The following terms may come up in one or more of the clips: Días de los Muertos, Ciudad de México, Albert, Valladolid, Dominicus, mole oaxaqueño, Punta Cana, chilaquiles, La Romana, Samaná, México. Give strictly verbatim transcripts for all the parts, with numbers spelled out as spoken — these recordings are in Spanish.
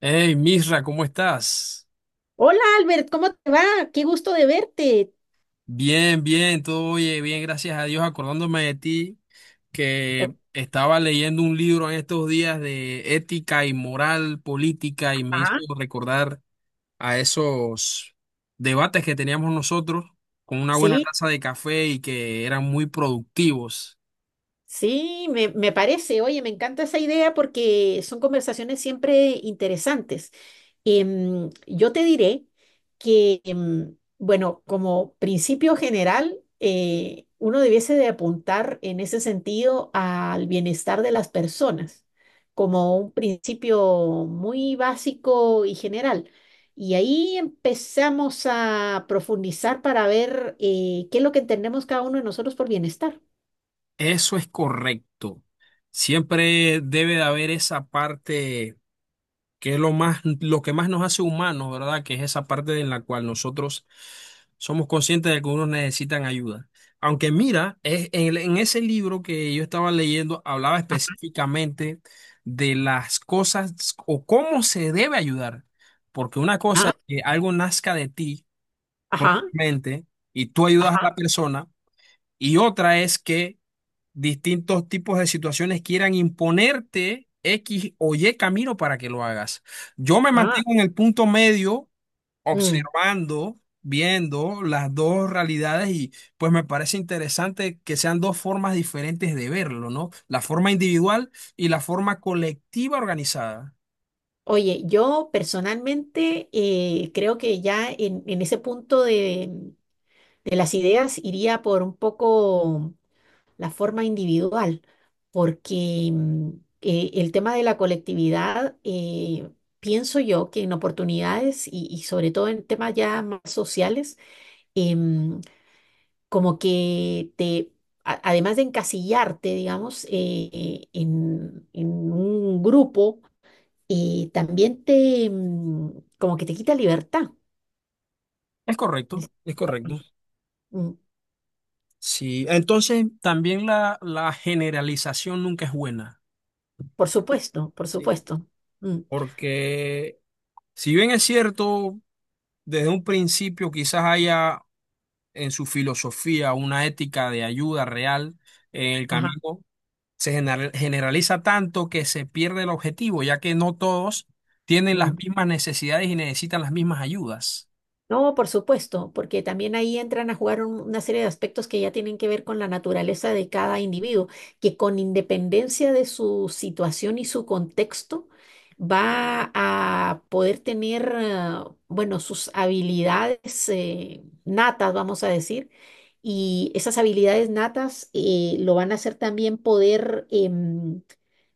Hey, Misra, ¿cómo estás? Hola, Albert, ¿cómo te va? Qué gusto de verte. Bien, bien, todo, oye, bien, gracias a Dios, acordándome de ti, Oh. que estaba leyendo un libro en estos días de ética y moral política y me hizo Ah. recordar a esos debates que teníamos nosotros con una buena Sí. taza de café y que eran muy productivos. Sí, me, me parece. Oye, me encanta esa idea porque son conversaciones siempre interesantes. Em, yo te diré que, em, bueno, como principio general, eh, uno debiese de apuntar en ese sentido al bienestar de las personas, como un principio muy básico y general. Y ahí empezamos a profundizar para ver eh, qué es lo que entendemos cada uno de nosotros por bienestar. Eso es correcto. Siempre debe de haber esa parte que es lo más, lo que más nos hace humanos, ¿verdad? Que es esa parte en la cual nosotros somos conscientes de que unos necesitan ayuda. Aunque mira, es, en, el- en ese libro que yo estaba leyendo hablaba específicamente de las cosas o cómo se debe ayudar. Porque una cosa Ah, es que algo nazca de ti, ajá, mente, y tú ayudas a ajá, la persona, y otra es que distintos tipos de situaciones quieran imponerte X o Y camino para que lo hagas. Yo me ah, mantengo en el punto medio, mm. observando, viendo las dos realidades y pues me parece interesante que sean dos formas diferentes de verlo, ¿no? La forma individual y la forma colectiva organizada. Oye, yo personalmente eh, creo que ya en, en ese punto de, de las ideas iría por un poco la forma individual, porque mm, eh, el tema de la colectividad, eh, pienso yo que en oportunidades y, y sobre todo en temas ya más sociales, em, como que te, a- además de encasillarte, digamos, eh, en en un grupo, y también te, mm, como que te quita libertad. Es correcto, Dice. es correcto. Mm, Sí, entonces también la, la generalización nunca es buena. Por supuesto, por Sí. supuesto. Mm. Porque si bien es cierto, desde un principio quizás haya en su filosofía una ética de ayuda real en el Ajá. camino, se gener- generaliza tanto que se pierde el objetivo, ya que no todos tienen las Mm. mismas necesidades y necesitan las mismas ayudas. No, por supuesto, porque también ahí entran a jugar un- una serie de aspectos que ya tienen que ver con la naturaleza de cada individuo, que con independencia de su situación y su contexto, va a poder tener, eh, bueno, sus habilidades eh, natas, vamos a decir, y esas habilidades natas eh, lo van a hacer también poder em,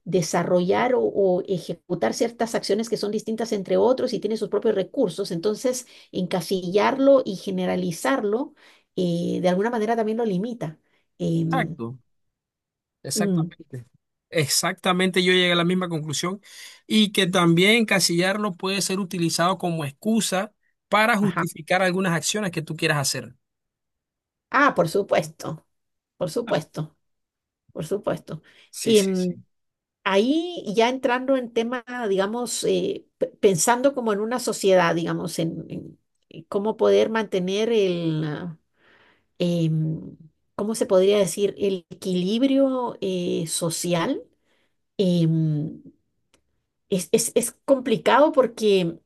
desarrollar o, o ejecutar ciertas acciones que son distintas entre otros y tiene sus propios recursos. Entonces, encasillarlo y generalizarlo, eh, de alguna manera también lo limita. Em, Exacto, mm, exactamente. Exactamente, yo llegué a la misma conclusión y que también encasillarlo puede ser utilizado como excusa para ajá. justificar algunas acciones que tú quieras hacer. Ah, por supuesto, por Ah, supuesto, por supuesto. sí, sí, Em, sí. Ahí ya entrando en tema, digamos, eh, pe- pensando como en una sociedad, digamos, en, en- en cómo poder mantener el, ah, em, ¿cómo se podría decir? El equilibrio eh, social. em, es, es, es complicado porque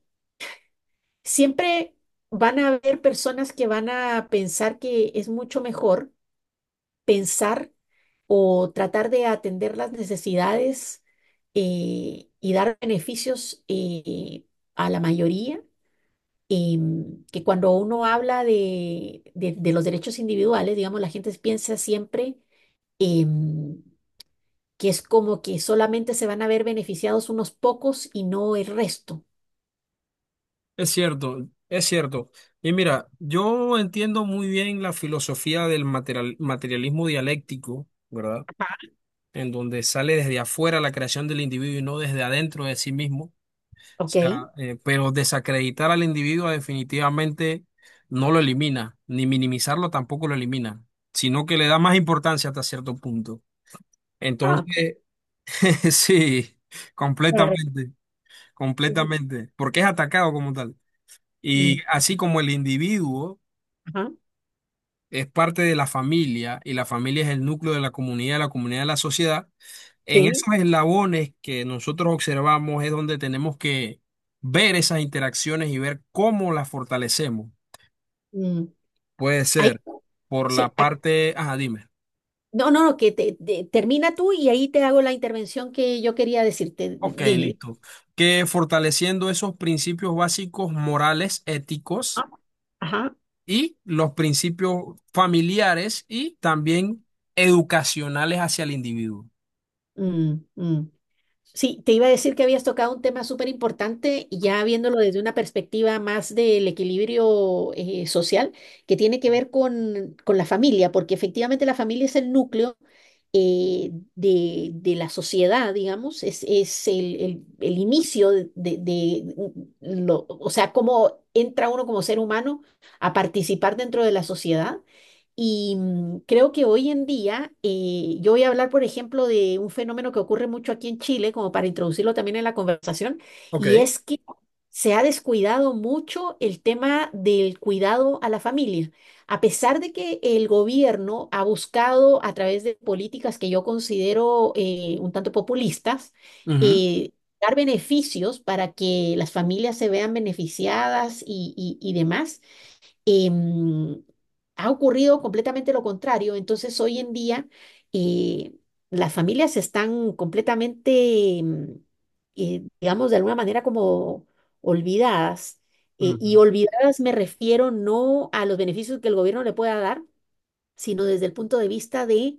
siempre van a haber personas que van a pensar que es mucho mejor pensar o tratar de atender las necesidades, eh, y dar beneficios, eh, a la mayoría, em, que cuando uno habla de, de- de los derechos individuales, digamos, la gente piensa siempre, em, que es como que solamente se van a ver beneficiados unos pocos y no el resto. Es cierto, es cierto. Y mira, yo entiendo muy bien la filosofía del material- materialismo dialéctico, ¿verdad? En donde sale desde afuera la creación del individuo y no desde adentro de sí mismo. O ¿Ok? sea, eh, pero desacreditar al individuo definitivamente no lo elimina, ni minimizarlo tampoco lo elimina, sino que le da más importancia hasta cierto punto. Ah, Entonces, sí, claro. completamente, Sí, sí. completamente, porque es atacado como tal. Y Mm, así como el individuo ajá. es parte de la familia y la familia es el núcleo de la comunidad, la comunidad de la sociedad. En Sí. esos eslabones que nosotros observamos es donde tenemos que ver esas interacciones y ver cómo las fortalecemos. Mm. Puede Ahí, ser por la sí. Ah, parte, ajá, dime. no, no, no, que te, te- termina tú y ahí te hago la intervención que yo quería decirte. D- Ok, Dime. listo. Que fortaleciendo esos principios básicos morales, éticos Ah, ajá. y los principios familiares y también educacionales hacia el individuo. Mm, mm. Sí, te iba a decir que habías tocado un tema súper importante, y ya viéndolo desde una perspectiva más del equilibrio, eh, social, que tiene que ver con, con la familia, porque efectivamente la familia es el núcleo, eh, de, de la sociedad, digamos, es, es el, el- el inicio de, de lo, o sea, cómo entra uno como ser humano a participar dentro de la sociedad. Y mm, creo que hoy en día, eh, yo voy a hablar, por ejemplo, de un fenómeno que ocurre mucho aquí en Chile, como para introducirlo también en la conversación, Ok. y es que se ha descuidado mucho el tema del cuidado a la familia. A pesar de que el gobierno ha buscado, a través de políticas que yo considero eh, un tanto populistas, Ujú. eh, dar beneficios para que las familias se vean beneficiadas y, y y demás. Em, Ha ocurrido completamente lo contrario. Entonces, hoy en día, eh, las familias están completamente, em, eh, digamos, de alguna manera como olvidadas. Eh, y Ujú. olvidadas me refiero no a los beneficios que el gobierno le pueda dar, sino desde el punto de vista de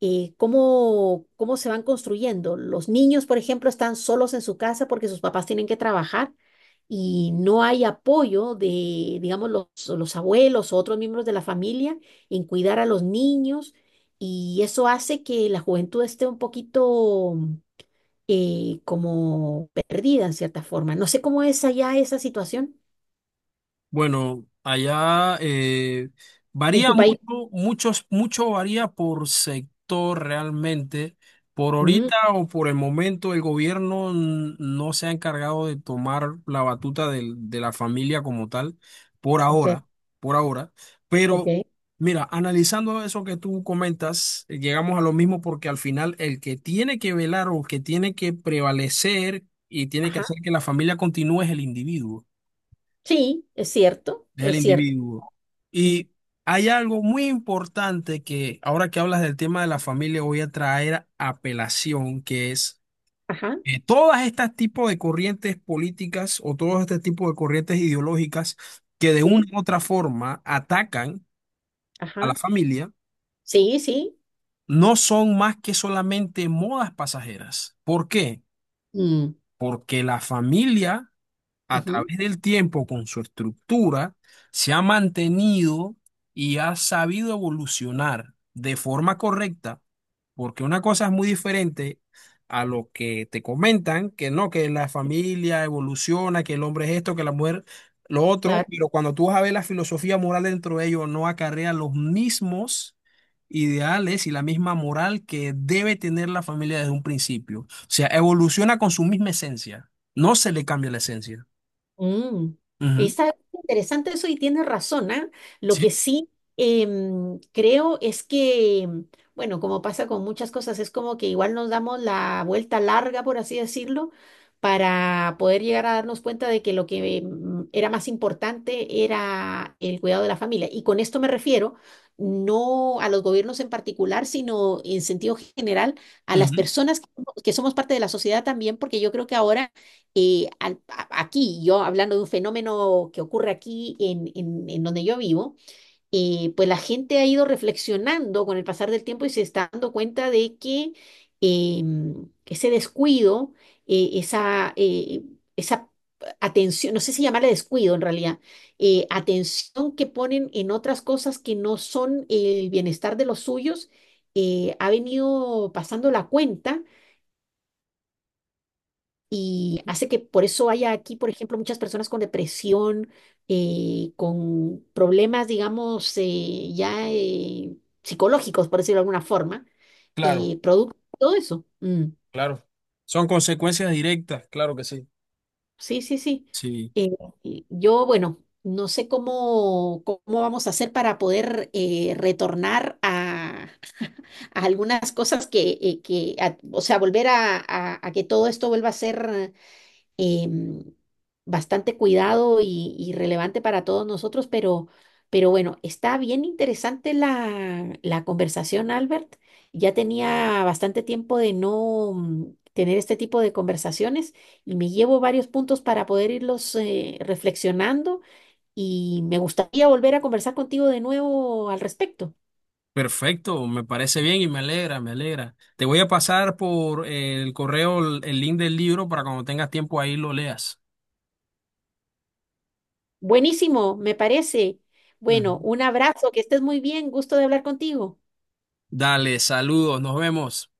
eh, cómo, cómo se van construyendo. Los niños, por ejemplo, están solos en su casa porque sus papás tienen que trabajar, y no hay apoyo de, digamos, los, los abuelos o otros miembros de la familia en cuidar a los niños, y eso hace que la juventud esté un poquito, eh, como perdida en cierta forma. No sé cómo es allá esa situación Bueno, allá eh, en varía tu país. mucho, muchos, mucho varía por sector realmente. Por Mm, ahorita o por el momento, el gobierno n- no se ha encargado de tomar la batuta del- de la familia como tal, por ok, ahora, por ahora. ok. Pero mira, analizando eso que tú comentas, eh, llegamos a lo mismo porque al final el que tiene que velar o que tiene que prevalecer y tiene que hacer Ajá. que la familia continúe es el individuo Sí, es cierto, del es cierto. individuo. Mm, Y hay algo muy importante que ahora que hablas del tema de la familia voy a traer a pelación, que es ajá, eh, todas estas tipos de corrientes políticas o todos este tipo de corrientes ideológicas que de una sí, u otra forma atacan a la ajá. familia, Sí, sí. no son más que solamente modas pasajeras. ¿Por qué? Mm, Porque la familia a ujú. través del tiempo con su estructura, se ha mantenido y ha sabido evolucionar de forma correcta, porque una cosa es muy diferente a lo que te comentan, que no, que la familia evoluciona, que el hombre es esto, que la mujer lo otro, Claro. pero cuando tú vas a ver la filosofía moral dentro de ellos, no acarrea los mismos ideales y la misma moral que debe tener la familia desde un principio. O sea, evoluciona con su misma esencia, no se le cambia la esencia. Mm. Ujú. Está interesante eso y tienes razón, ¿ah? Lo que Sí, sí em, creo es que, bueno, como pasa con muchas cosas, es como que igual nos damos la vuelta larga, por así decirlo, para poder llegar a darnos cuenta de que lo que mm, era más importante era el cuidado de la familia. Y con esto me refiero, no a los gobiernos en particular, sino en sentido general, a las ujú. personas que que somos parte de la sociedad también, porque yo creo que ahora, eh, al- a- aquí, yo hablando de un fenómeno que ocurre aquí en, en- en donde yo vivo, eh, pues la gente ha ido reflexionando con el pasar del tiempo y se está dando cuenta de que, em, ese descuido, eh, esa, eh, esa atención, no sé si llamarle descuido en realidad, eh, atención que ponen en otras cosas que no son el bienestar de los suyos, eh, ha venido pasando la cuenta, y hace que por eso haya aquí, por ejemplo, muchas personas con depresión, eh, con problemas, digamos, eh, ya eh, psicológicos, por decirlo de alguna forma, Claro, eh, producto de todo eso. Mm, claro. Son consecuencias directas, claro que sí. sí, sí, sí. Sí, Eh, y yo, bueno, no sé cómo, cómo vamos a hacer para poder, eh, retornar a, a algunas cosas que, eh, que a- o sea, volver a, a- a que todo esto vuelva a ser, em, bastante cuidado y, y relevante para todos nosotros, pero, pero bueno, está bien interesante la, la conversación, Albert. Ya tenía bastante tiempo de no mm, tener este tipo de conversaciones, y me llevo varios puntos para poder irlos, eh, reflexionando, y me gustaría volver a conversar contigo de nuevo al respecto. perfecto, me parece bien y me alegra, me alegra. Te voy a pasar por el correo el el link del libro para cuando tengas tiempo ahí lo leas. Buenísimo, me parece. Ujú. Bueno, un abrazo, que estés muy bien, gusto de hablar contigo. Dale, saludos, nos vemos.